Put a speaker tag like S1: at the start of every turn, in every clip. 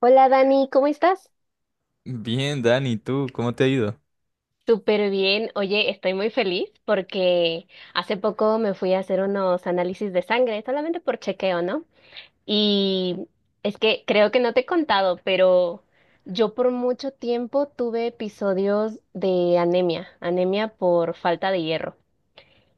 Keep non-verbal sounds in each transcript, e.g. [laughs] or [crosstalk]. S1: Hola Dani, ¿cómo estás?
S2: Bien, Dani, ¿tú cómo te ha ido?
S1: Súper bien. Oye, estoy muy feliz porque hace poco me fui a hacer unos análisis de sangre, solamente por chequeo, ¿no? Y es que creo que no te he contado, pero yo por mucho tiempo tuve episodios de anemia, anemia por falta de hierro.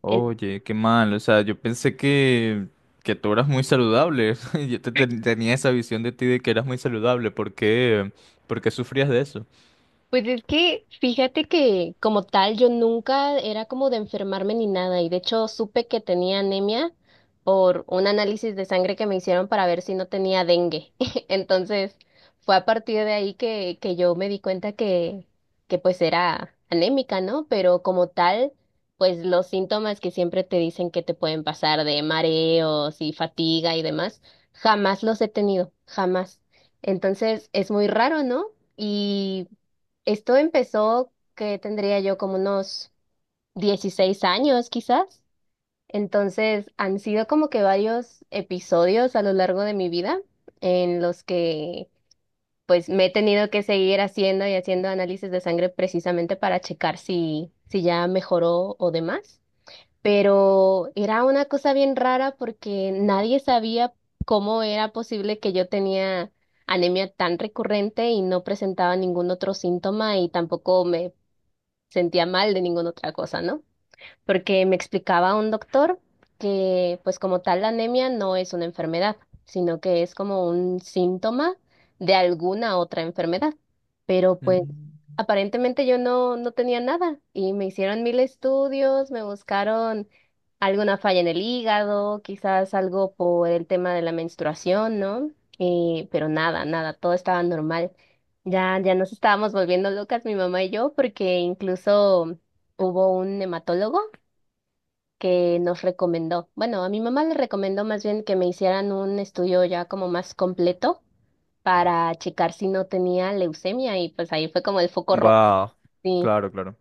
S2: Oye, qué mal, o sea, yo pensé que tú eras muy saludable. [laughs] Yo tenía esa visión de ti de que eras muy saludable. ¿Por qué sufrías de eso?
S1: Pues es que fíjate que como tal yo nunca era como de enfermarme ni nada y de hecho supe que tenía anemia por un análisis de sangre que me hicieron para ver si no tenía dengue. [laughs] Entonces fue a partir de ahí que yo me di cuenta que pues era anémica, ¿no? Pero como tal, pues los síntomas que siempre te dicen que te pueden pasar de mareos y fatiga y demás, jamás los he tenido, jamás. Entonces es muy raro, ¿no? Y esto empezó que tendría yo como unos 16 años quizás. Entonces han sido como que varios episodios a lo largo de mi vida en los que pues me he tenido que seguir haciendo y haciendo análisis de sangre precisamente para checar si ya mejoró o demás. Pero era una cosa bien rara porque nadie sabía cómo era posible que yo tenía anemia tan recurrente y no presentaba ningún otro síntoma y tampoco me sentía mal de ninguna otra cosa, ¿no? Porque me explicaba un doctor que pues como tal la anemia no es una enfermedad, sino que es como un síntoma de alguna otra enfermedad. Pero pues
S2: Mm.
S1: aparentemente yo no tenía nada y me hicieron mil estudios, me buscaron alguna falla en el hígado, quizás algo por el tema de la menstruación, ¿no? Pero nada, nada, todo estaba normal. Ya, ya nos estábamos volviendo locas mi mamá y yo, porque incluso hubo un hematólogo que nos recomendó. Bueno, a mi mamá le recomendó más bien que me hicieran un estudio ya como más completo para checar si no tenía leucemia y pues ahí fue como el foco rojo.
S2: Wow,
S1: Sí.
S2: claro, claro.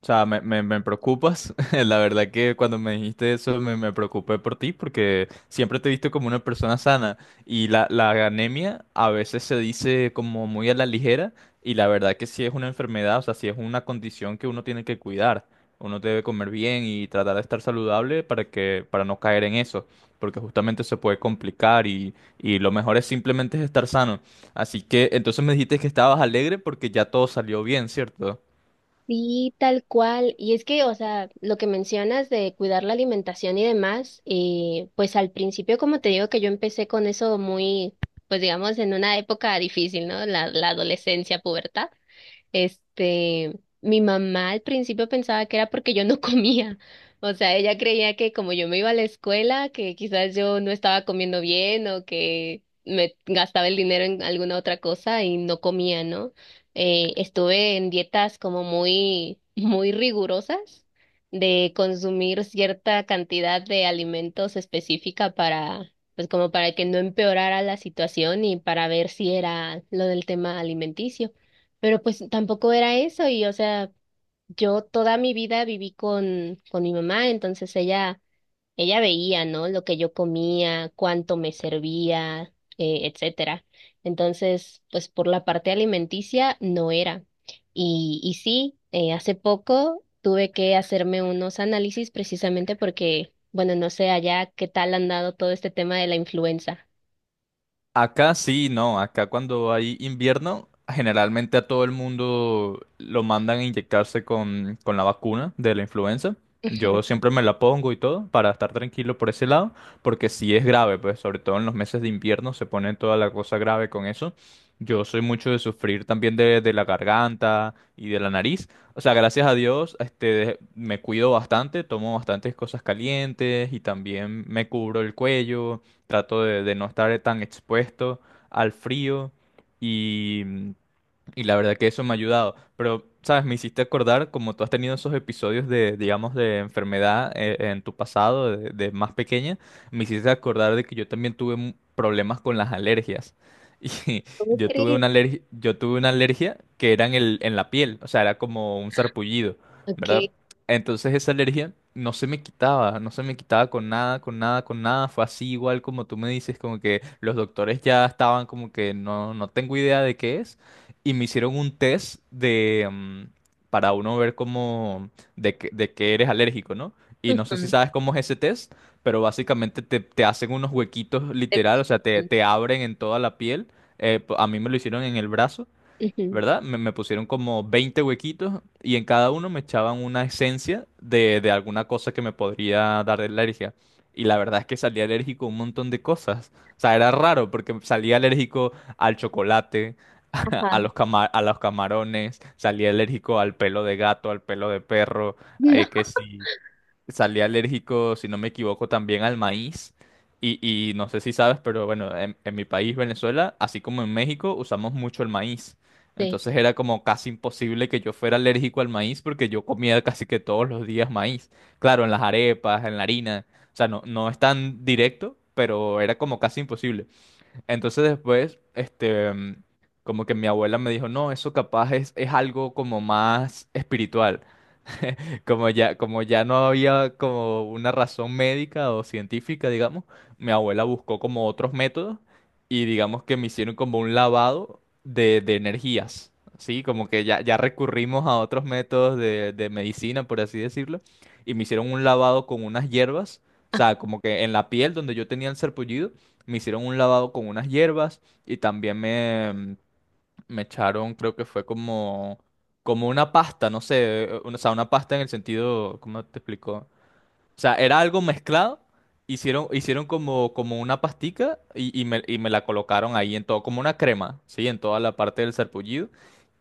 S2: O sea, me preocupas. [laughs] La verdad que cuando me dijiste eso me preocupé por ti porque siempre te he visto como una persona sana y la anemia a veces se dice como muy a la ligera y la verdad que sí es una enfermedad, o sea, sí es una condición que uno tiene que cuidar. Uno debe comer bien y tratar de estar saludable para no caer en eso, porque justamente se puede complicar y lo mejor es simplemente estar sano. Así que entonces me dijiste que estabas alegre porque ya todo salió bien, ¿cierto?
S1: Sí, tal cual. Y es que, o sea, lo que mencionas de cuidar la alimentación y demás, pues al principio, como te digo, que yo empecé con eso muy, pues digamos, en una época difícil, ¿no? La adolescencia, pubertad. Este, Mi mamá al principio pensaba que era porque yo no [laughs] comía. O sea, ella creía que como yo me iba a la escuela, que quizás yo no estaba comiendo bien o que me gastaba el dinero en alguna otra cosa y no comía, ¿no? Estuve en dietas como muy, [laughs] muy rigurosas de consumir cierta cantidad de alimentos específica para, pues como para que no empeorara la situación y para ver si era lo del tema alimenticio. Pero pues tampoco era eso y o sea, yo toda mi vida viví con mi mamá, entonces ella veía, ¿no? Lo que yo comía, cuánto me servía, etcétera. Entonces, pues por la parte alimenticia no era. Y sí, hace poco tuve que hacerme unos análisis precisamente porque, bueno, no sé allá qué tal han dado todo este tema de la influenza.
S2: Acá sí, no, acá cuando hay invierno, generalmente a todo el mundo lo mandan a inyectarse con la vacuna de la influenza.
S1: Ujú.
S2: Yo siempre me la pongo y todo para estar tranquilo por ese lado, porque sí es grave, pues sobre todo en los meses de invierno se pone toda la cosa grave con eso. Yo soy mucho de sufrir también de la garganta y de la nariz. O sea, gracias a Dios, este, me cuido bastante, tomo bastantes cosas calientes y también me cubro el cuello. Trato de no estar tan expuesto al frío y mm, y la verdad que eso me ha ayudado. Pero, ¿sabes? Me hiciste acordar, como tú has tenido esos episodios de, digamos, de enfermedad, en tu pasado, de más pequeña, me hiciste acordar de que yo también tuve problemas con las alergias. [laughs] Y
S1: ¿Cómo
S2: yo tuve
S1: crees?
S2: una alergia, yo tuve una alergia que era en la piel, o sea, era como un sarpullido, ¿verdad?
S1: Okay.
S2: Entonces esa alergia no se me quitaba, no se me quitaba con nada, con nada, con nada. Fue así igual como tú me dices, como que los doctores ya estaban como que no, no tengo idea de qué es y me hicieron un test para uno ver de qué eres alérgico, ¿no? Y no sé si
S1: Ujú.
S2: sabes cómo es ese test, pero básicamente te hacen unos huequitos literal, o sea, te,
S1: Pican.
S2: te abren en toda la piel. A mí me lo hicieron en el brazo,
S1: Ujú.
S2: ¿verdad? Me pusieron como 20 huequitos y en cada uno me echaban una esencia de alguna cosa que me podría dar alergia. Y la verdad es que salí alérgico a un montón de cosas. O sea, era raro porque salí alérgico al chocolate, [laughs]
S1: Ajá.
S2: a los camarones, salía alérgico al pelo de gato, al pelo de perro,
S1: No
S2: que sí, salía alérgico, si no me equivoco, también al maíz. Y, y no sé si sabes, pero bueno, en mi país, Venezuela, así como en México, usamos mucho el maíz.
S1: te
S2: Entonces era como casi imposible que yo fuera alérgico al maíz porque yo comía casi que todos los días maíz. Claro, en las arepas, en la harina. O sea, no, no es tan directo, pero era como casi imposible. Entonces después, este, como que mi abuela me dijo, no, eso capaz es, algo como más espiritual. Como ya no había como una razón médica o científica, digamos, mi abuela buscó como otros métodos y digamos que me hicieron como un lavado de energías, ¿sí? Como que ya, ya recurrimos a otros métodos de medicina, por así decirlo, y me hicieron un lavado con unas hierbas, o sea, como que en la piel donde yo tenía el sarpullido, me hicieron un lavado con unas hierbas y también me echaron, creo que fue como, como una pasta, no sé, o sea, una pasta en el sentido, ¿cómo te explico? O sea, era algo mezclado, hicieron como, como una pastica y me la colocaron ahí en todo, como una crema, ¿sí? En toda la parte del sarpullido.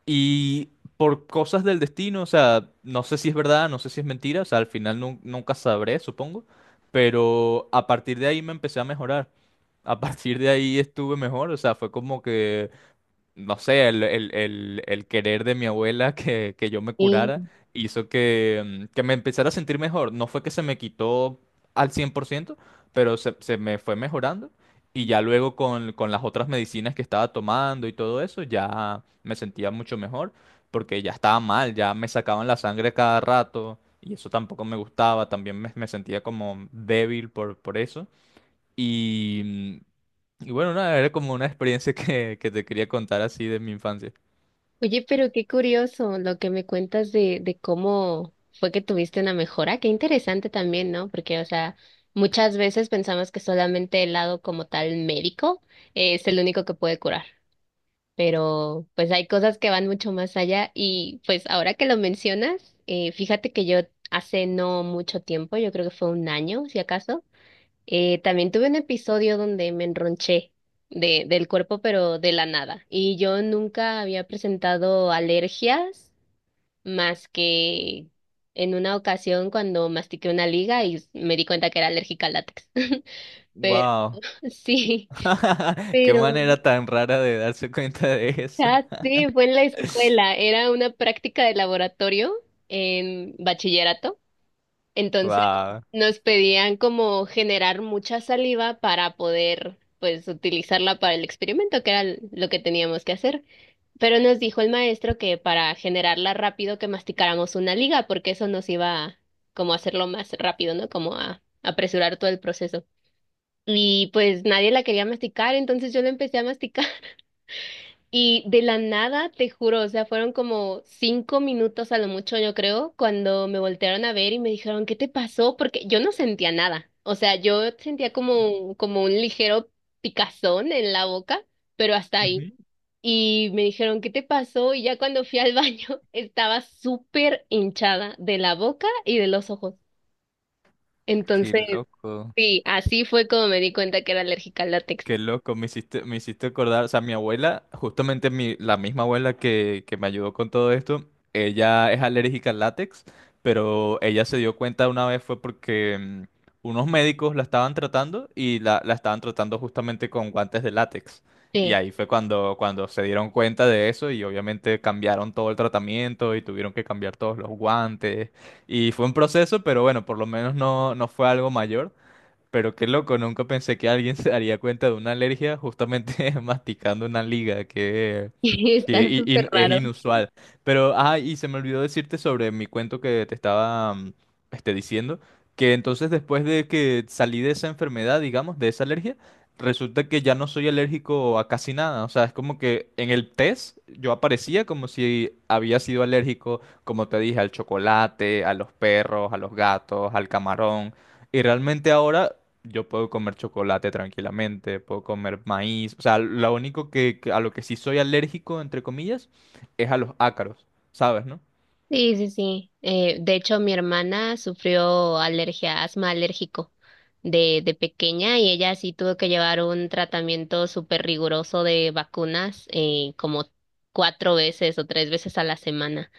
S2: Y por cosas del destino, o sea, no sé si es verdad, no sé si es mentira, o sea, al final nunca sabré, supongo, pero a partir de ahí me empecé a mejorar. A partir de ahí estuve mejor, o sea, fue como que no sé, el querer de mi abuela [laughs] que yo me curara
S1: creo.
S2: hizo que me empezara a sentir mejor. No fue que se me quitó al 100%, pero se me fue mejorando. Y ya luego con las otras medicinas que estaba tomando y todo eso, ya me sentía mucho mejor porque ya estaba mal, ya me sacaban la sangre cada rato. Y eso tampoco me gustaba, también me sentía como débil por eso. Y, mm, y bueno, nada, era como una experiencia que te quería contar así de mi infancia.
S1: Oye, pero qué curioso lo que me cuentas de, cómo fue que tuviste una mejora. Qué interesante también, ¿no? Porque, o sea, muchas veces pensamos que solamente el lado como tal médico es el único que puede curar. Pero, pues hay cosas que van mucho más allá. Y, pues, ahora que lo mencionas, fíjate que yo hace no mucho tiempo, yo creo que fue un año, si acaso. También tuve un episodio donde me enronché del cuerpo, pero de la nada. Y yo nunca había presentado alergias más que en una ocasión cuando mastiqué una liga y me di cuenta que era alérgica al látex. [laughs] Pero
S2: Wow.
S1: sí,
S2: [laughs] Qué
S1: pero
S2: manera tan rara de darse cuenta de eso.
S1: sí, fue en la escuela. Era una práctica de laboratorio en bachillerato. Entonces
S2: Wow.
S1: nos pedían como generar mucha saliva para poder pues utilizarla para el experimento, que era lo que teníamos que hacer. Pero nos dijo el maestro que para generarla rápido que masticáramos una liga, porque eso nos iba como a hacerlo más rápido, ¿no? Como a apresurar todo el proceso. Y pues nadie la quería masticar, entonces yo la empecé a masticar. Y de la nada, te juro, o sea, fueron como 5 minutos a lo mucho, yo creo, cuando me voltearon a ver y me dijeron, ¿qué te pasó? Porque yo no sentía nada. O sea, yo sentía como un ligero picazón en la boca, pero hasta ahí. Y me dijeron, ¿qué te pasó? Y ya cuando fui al baño, [laughs] estaba súper hinchada de la boca y de los ojos.
S2: Qué
S1: Entonces,
S2: loco.
S1: sí, así fue como me di cuenta que era alérgica al látex.
S2: Qué loco, me hiciste acordar, o sea, mi abuela, justamente la misma abuela que me ayudó con todo esto, ella es alérgica al látex, pero ella se dio cuenta una vez fue porque unos médicos la estaban tratando y la estaban tratando justamente con guantes de látex. Y
S1: Sí,
S2: ahí fue cuando se dieron cuenta de eso y obviamente cambiaron todo el tratamiento y tuvieron que cambiar todos los guantes. Y fue un proceso, pero bueno, por lo menos no, no fue algo mayor. Pero qué loco, nunca pensé que alguien se daría cuenta de una alergia justamente [laughs] masticando una liga, que,
S1: [laughs]
S2: que
S1: está
S2: i-
S1: súper
S2: in- es
S1: raro.
S2: inusual. Pero, ah, y se me olvidó decirte sobre mi cuento que te estaba este, diciendo, que entonces después de que salí de esa enfermedad, digamos, de esa alergia, resulta que ya no soy alérgico a casi nada. O sea, es como que en el test yo aparecía como si había sido alérgico, como te dije, al chocolate, a los perros, a los gatos, al camarón. Y realmente ahora yo puedo comer chocolate tranquilamente, puedo comer maíz. O sea, lo único que, a lo que sí soy alérgico, entre comillas, es a los ácaros, ¿sabes, no?
S1: Sí, sí, sí. De hecho, mi hermana sufrió alergia, asma alérgico de, pequeña y ella sí tuvo que llevar un tratamiento súper riguroso de vacunas como cuatro veces o tres veces a la semana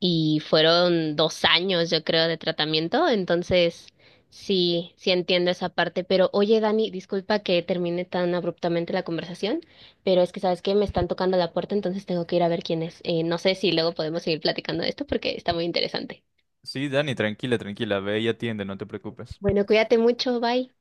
S1: y fueron 2 años, yo creo, de tratamiento, entonces sí, sí entiendo esa parte, pero oye, Dani, disculpa que termine tan abruptamente la conversación, pero es que sabes que me están tocando la puerta, entonces tengo que ir a ver quién es. No sé si luego podemos seguir platicando de esto porque está muy interesante.
S2: Sí, Dani, tranquila, tranquila, ve y atiende, no te preocupes.
S1: Bueno, cuídate mucho, bye.